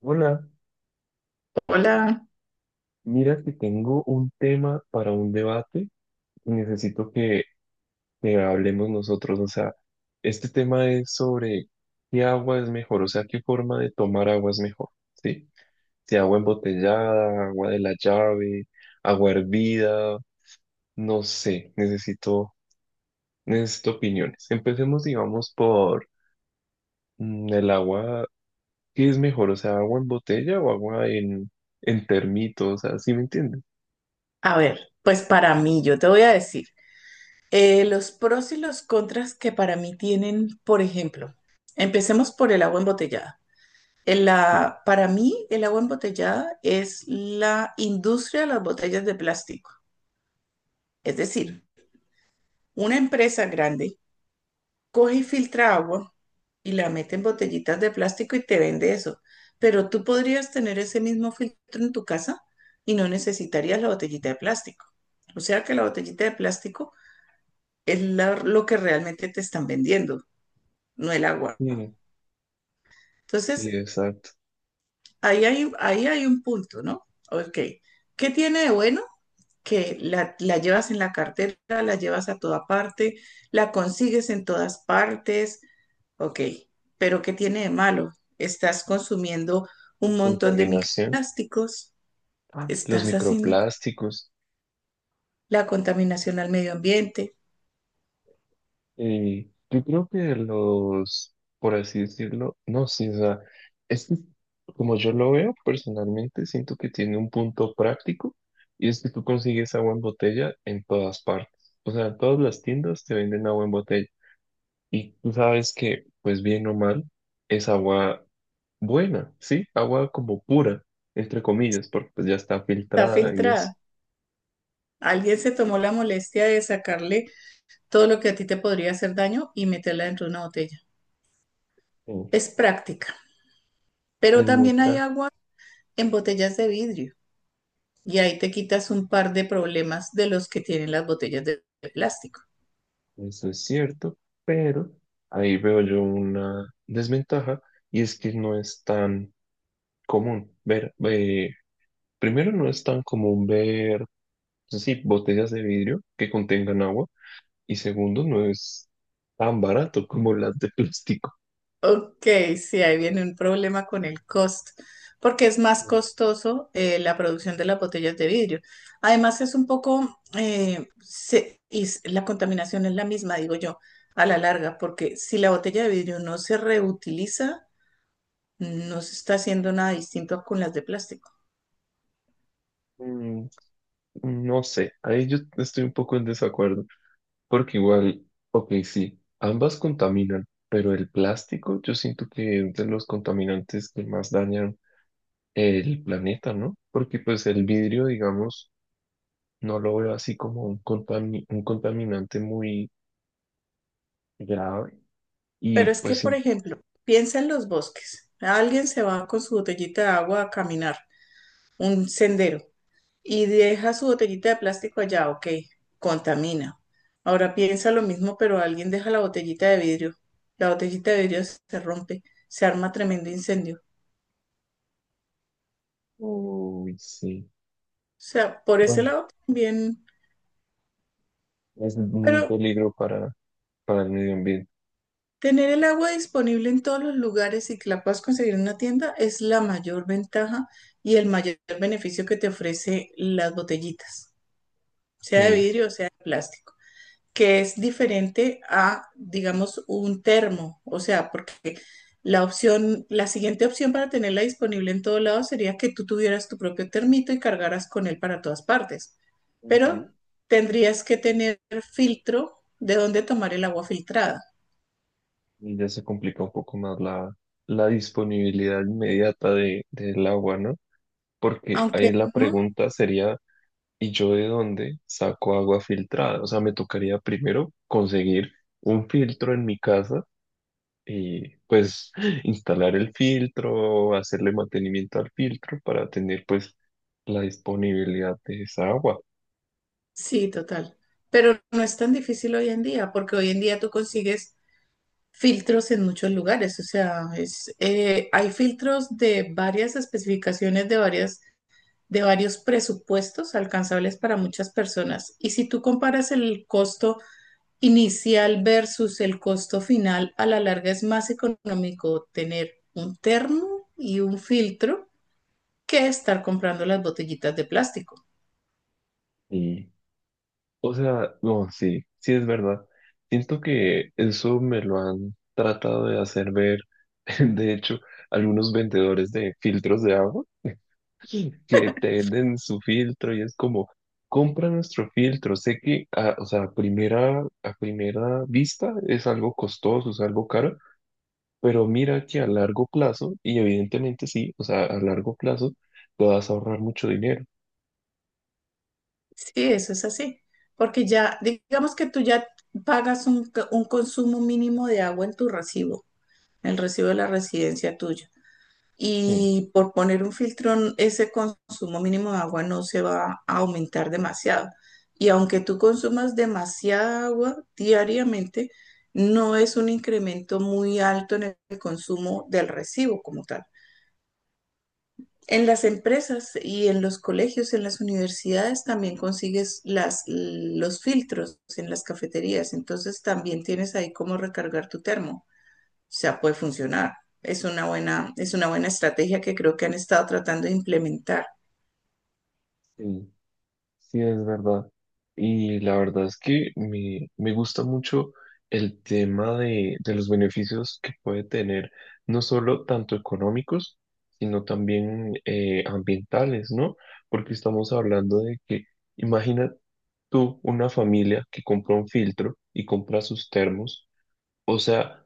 Hola, Hola, mira que tengo un tema para un debate y necesito que hablemos nosotros. O sea, este tema es sobre qué agua es mejor, o sea, qué forma de tomar agua es mejor, ¿sí? Si agua embotellada, agua de la llave, agua hervida, no sé, necesito opiniones. Empecemos, digamos, por el agua, ¿qué es mejor? O sea, agua en botella o agua en termito, o sea, ¿sí me entiendes? a ver, pues para mí, yo te voy a decir, los pros y los contras que para mí tienen, por ejemplo, empecemos por el agua embotellada. Sí. Para mí, el agua embotellada es la industria de las botellas de plástico. Es decir, una empresa grande coge y filtra agua y la mete en botellitas de plástico y te vende eso. Pero tú podrías tener ese mismo filtro en tu casa y no necesitarías la botellita de plástico. O sea que la botellita de plástico lo que realmente te están vendiendo, no el agua. Sí. Sí, Entonces, exacto. Ahí hay un punto, ¿no? Ok. ¿Qué tiene de bueno? Que la llevas en la cartera, la llevas a toda parte, la consigues en todas partes. Ok, pero ¿qué tiene de malo? Estás consumiendo La un montón de contaminación. microplásticos, Ah, los estás haciendo microplásticos. la contaminación al medio ambiente, Y yo creo que los, por así decirlo, no, sí, o sea, es que como yo lo veo personalmente, siento que tiene un punto práctico y es que tú consigues agua en botella en todas partes. O sea, en todas las tiendas te venden agua en botella y tú sabes que, pues bien o mal, es agua buena, ¿sí? Agua como pura, entre comillas, porque pues ya está está filtrada y es... filtrada. Alguien se tomó la molestia de sacarle todo lo que a ti te podría hacer daño y meterla dentro de una botella. eh, Es práctica, pero es muy también hay práctico, agua en botellas de vidrio y ahí te quitas un par de problemas de los que tienen las botellas de plástico. eso es cierto, pero ahí veo yo una desventaja y es que no es tan común ver, primero no es tan común ver, pues sí, botellas de vidrio que contengan agua y segundo no es tan barato como las de plástico. Ok, sí, ahí viene un problema con el costo, porque es más Ujú. costoso la producción de las botellas de vidrio. Además, es un poco, la contaminación es la misma, digo yo, a la larga, porque si la botella de vidrio no se reutiliza, no se está haciendo nada distinto con las de plástico. Mm, no sé, ahí yo estoy un poco en desacuerdo, porque igual, ok, sí, ambas contaminan, pero el plástico yo siento que es de los contaminantes que más dañan el planeta, ¿no? Porque pues el vidrio, digamos, no lo veo así como un contaminante muy grave y Pero es que, pues por sí. ejemplo, piensa en los bosques. Alguien se va con su botellita de agua a caminar un sendero y deja su botellita de plástico allá, ok, contamina. Ahora piensa lo mismo, pero alguien deja la botellita de vidrio. La botellita de vidrio se rompe, se arma tremendo incendio. Uy, sí. O sea, por ese Bueno, lado también, es un pero peligro para el medio ambiente. tener el agua disponible en todos los lugares y que la puedas conseguir en una tienda es la mayor ventaja y el mayor beneficio que te ofrece las botellitas, sea de Sí. vidrio o sea de plástico, que es diferente a, digamos, un termo. O sea, porque la siguiente opción para tenerla disponible en todo lado sería que tú tuvieras tu propio termito y cargaras con él para todas partes. Pero Ujú. tendrías que tener filtro de dónde tomar el agua filtrada. Y ya se complica un poco más la disponibilidad inmediata del agua, ¿no? Porque Aunque ahí la no pregunta sería, ¿y yo de dónde saco agua filtrada? O sea, me tocaría primero conseguir un filtro en mi casa y pues instalar el filtro, hacerle mantenimiento al filtro para tener pues la disponibilidad de esa agua. Sí, total. Pero no es tan difícil hoy en día, porque hoy en día tú consigues filtros en muchos lugares. O sea, hay filtros de varias especificaciones, de varios presupuestos alcanzables para muchas personas. Y si tú comparas el costo inicial versus el costo final, a la larga es más económico tener un termo y un filtro que estar comprando las botellitas de plástico. Y, o sea, no, sí, sí es verdad. Siento que eso me lo han tratado de hacer ver, de hecho, algunos vendedores de filtros de agua que te venden su filtro y es como, compra nuestro filtro. Sé que, o sea, a primera vista es algo costoso, es algo caro. Pero mira que a largo plazo, y evidentemente sí, o sea, a largo plazo te vas a ahorrar mucho dinero. Sí, eso es así, porque ya, digamos que tú ya pagas un consumo mínimo de agua en tu recibo, el recibo de la residencia tuya. Sí, Y por poner un filtro, ese consumo mínimo de agua no se va a aumentar demasiado. Y aunque tú consumas demasiada agua diariamente, no es un incremento muy alto en el consumo del recibo como tal. En las empresas y en los colegios, en las universidades también consigues los filtros en las cafeterías, entonces también tienes ahí cómo recargar tu termo. O sea, puede funcionar. Es una buena estrategia que creo que han estado tratando de implementar. sí, sí, es verdad. Y la verdad es que me gusta mucho el tema de los beneficios que puede tener, no solo tanto económicos, sino también ambientales, ¿no? Porque estamos hablando de que, imagina tú una familia que compra un filtro y compra sus termos, o sea,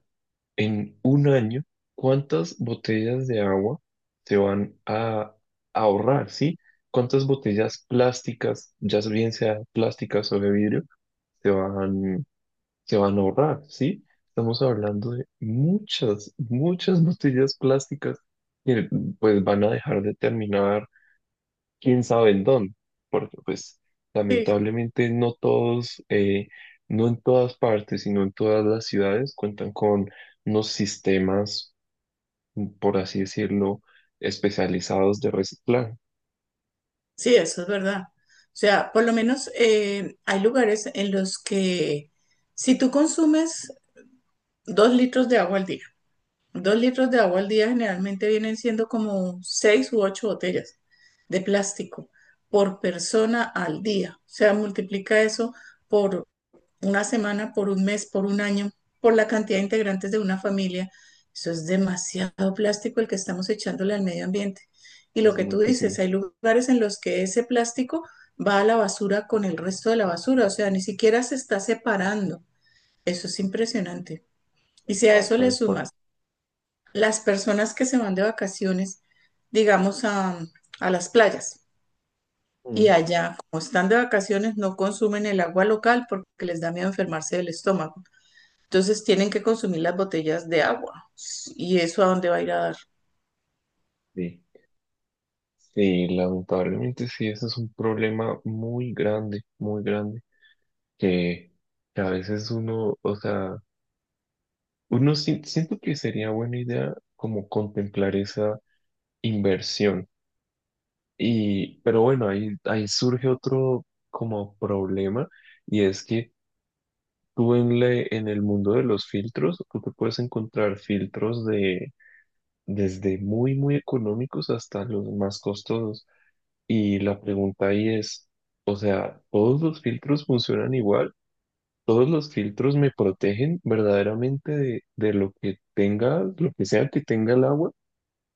en un año, ¿cuántas botellas de agua se van a ahorrar, sí? ¿Cuántas botellas plásticas, ya bien sea plásticas o de vidrio, se van, se van a ahorrar, sí? Estamos hablando de muchas, muchas botellas plásticas que pues van a dejar de terminar quién sabe en dónde, porque pues Sí, lamentablemente no en todas partes, sino en todas las ciudades cuentan con unos sistemas por así decirlo, especializados de reciclaje. sí, eso es verdad. O sea, por lo menos hay lugares en los que si tú consumes dos litros de agua al día. Dos litros de agua al día generalmente vienen siendo como seis u ocho botellas de plástico por persona al día. O sea, multiplica eso por una semana, por un mes, por un año, por la cantidad de integrantes de una familia. Eso es demasiado plástico el que estamos echándole al medio ambiente. Y Es lo que tú muchísimo. dices, hay lugares en los que ese plástico va a la basura con el resto de la basura, o sea, ni siquiera se está separando. Eso es impresionante. Y si a Estaba eso le tal cual. sumas las personas que se van de vacaciones, digamos, a las playas y Mm. allá, como están de vacaciones, no consumen el agua local porque les da miedo enfermarse del estómago. Entonces tienen que consumir las botellas de agua. ¿Y eso a dónde va a ir a dar? Sí. Sí, lamentablemente sí, ese es un problema muy grande, que, que a veces uno, o sea, siento que sería buena idea como contemplar esa inversión. Y, pero bueno, ahí surge otro como problema y es que tú en, le en el mundo de los filtros, tú te puedes encontrar filtros de desde muy, muy económicos hasta los más costosos. Y la pregunta ahí es, o sea, ¿todos los filtros funcionan igual? ¿Todos los filtros me protegen verdaderamente de lo que tenga, lo que sea que tenga el agua?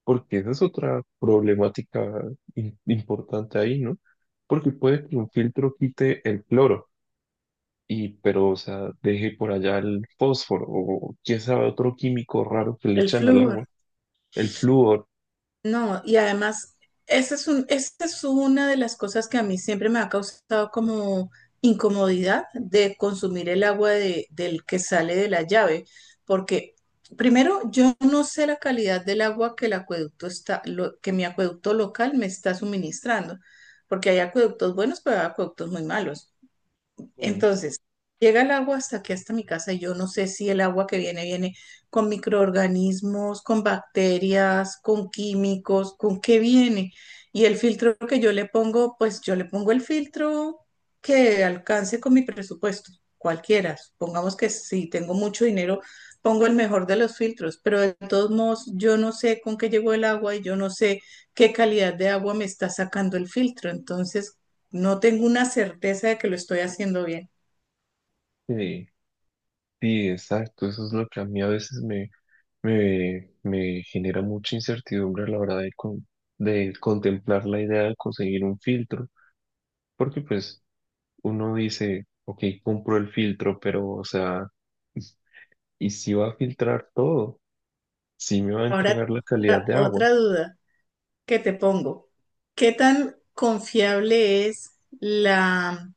Porque esa es otra problemática importante ahí, ¿no? Porque puede que un filtro quite el cloro. Y, pero, o sea, deje por allá el fósforo o quién sabe otro químico raro que le El echan al flujo. agua, el flúor. No, y además, esa es una de las cosas que a mí siempre me ha causado como incomodidad de consumir el agua del que sale de la llave, porque primero yo no sé la calidad del agua que el acueducto está, lo- que mi acueducto local me está suministrando, porque hay acueductos buenos, pero hay acueductos muy malos. Mm. Entonces, llega el agua hasta aquí, hasta mi casa, y yo no sé si el agua que viene con microorganismos, con bacterias, con químicos, con qué viene. Y el filtro que yo le pongo, pues yo le pongo el filtro que alcance con mi presupuesto, cualquiera. Supongamos que si tengo mucho dinero, pongo el mejor de los filtros, pero de todos modos, yo no sé con qué llegó el agua y yo no sé qué calidad de agua me está sacando el filtro. Entonces, no tengo una certeza de que lo estoy haciendo bien. Sí. Sí, exacto, eso es lo que a mí a veces me genera mucha incertidumbre a la hora de, de contemplar la idea de conseguir un filtro, porque pues uno dice, ok, compro el filtro, pero o sea, ¿y si va a filtrar todo? ¿Si me va a Ahora, entregar la calidad de agua? otra duda que te pongo. ¿Qué tan confiable es la,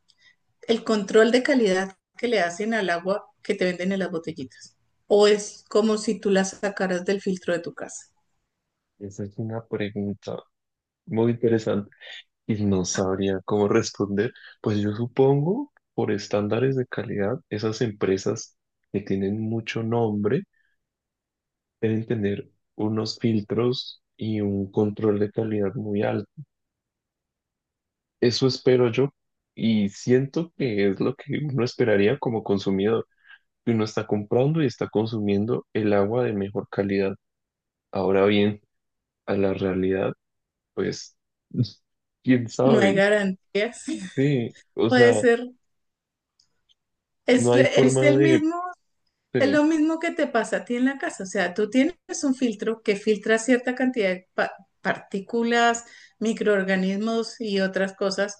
el control de calidad que le hacen al agua que te venden en las botellitas? ¿O es como si tú la sacaras del filtro de tu casa? Esa es una pregunta muy interesante y no sabría cómo responder. Pues yo supongo, por estándares de calidad, esas empresas que tienen mucho nombre, deben tener unos filtros y un control de calidad muy alto. Eso espero yo y siento que es lo que uno esperaría como consumidor, que uno está comprando y está consumiendo el agua de mejor calidad. Ahora bien, a la realidad, pues, quién No hay sabe, garantías. sí, o Puede sea, ser. ¿Es, no hay es forma el de, mismo Es de- lo mismo que te pasa a ti en la casa, o sea, tú tienes un filtro que filtra cierta cantidad de partículas, microorganismos y otras cosas,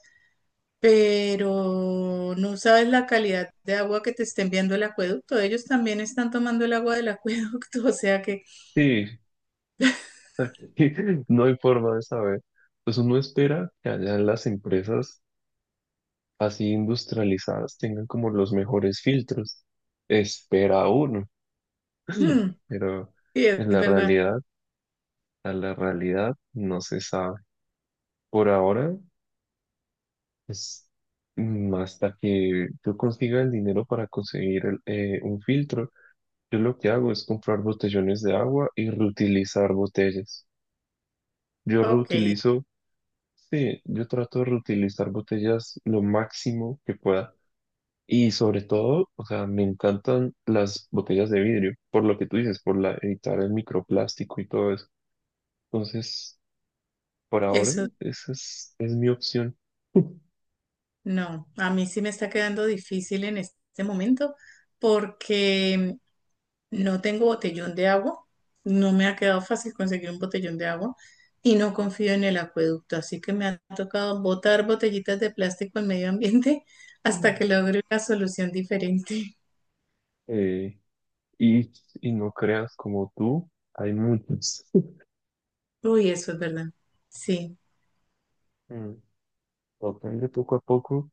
pero no sabes la calidad de agua que te está enviando el acueducto. Ellos también están tomando el agua del acueducto, o sea que, Sí, no hay forma de saber. Pues uno espera que allá las empresas así industrializadas tengan como los mejores filtros. Espera uno. mm, Pero sí, es en la verdad. realidad, a la realidad no se sabe. Por ahora, es hasta que yo consiga el dinero para conseguir el, un filtro, yo lo que hago es comprar botellones de agua y reutilizar botellas. Yo Ok, reutilizo, sí, yo trato de reutilizar botellas lo máximo que pueda. Y sobre todo, o sea, me encantan las botellas de vidrio, por lo que tú dices, por la, evitar el microplástico y todo eso. Entonces, por ahora, eso es mi opción. no, a mí sí me está quedando difícil en este momento porque no tengo botellón de agua, no me ha quedado fácil conseguir un botellón de agua y no confío en el acueducto, así que me ha tocado botar botellitas de plástico al medio ambiente hasta que Mm. logre una solución diferente. Eh, y, y no creas como tú, hay muchos. Uy, eso es verdad. Sí, Mm. Tocan de poco a poco,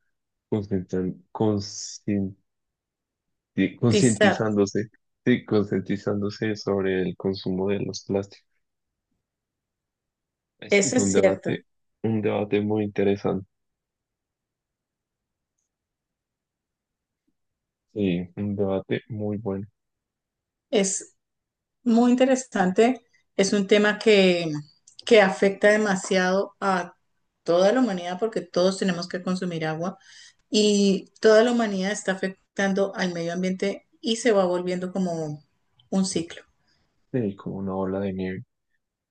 concientan- concienti- tizar, concientizándose, sí, concientizándose sobre el consumo de los plásticos. Eso Es es cierto. Un debate muy interesante, sí, un debate muy bueno. Es muy interesante, es un tema que afecta demasiado a toda la humanidad porque todos tenemos que consumir agua y toda la humanidad está afectando al medio ambiente y se va volviendo como un ciclo. Sí, como una ola de nieve.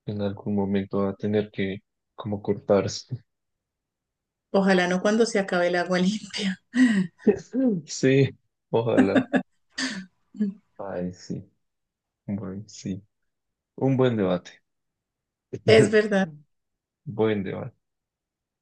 En algún momento va a tener que como cortarse. Ojalá no cuando se acabe el agua limpia. Sí, ojalá. Ay, sí. Bueno, sí. Un buen debate. Es verdad. Buen debate.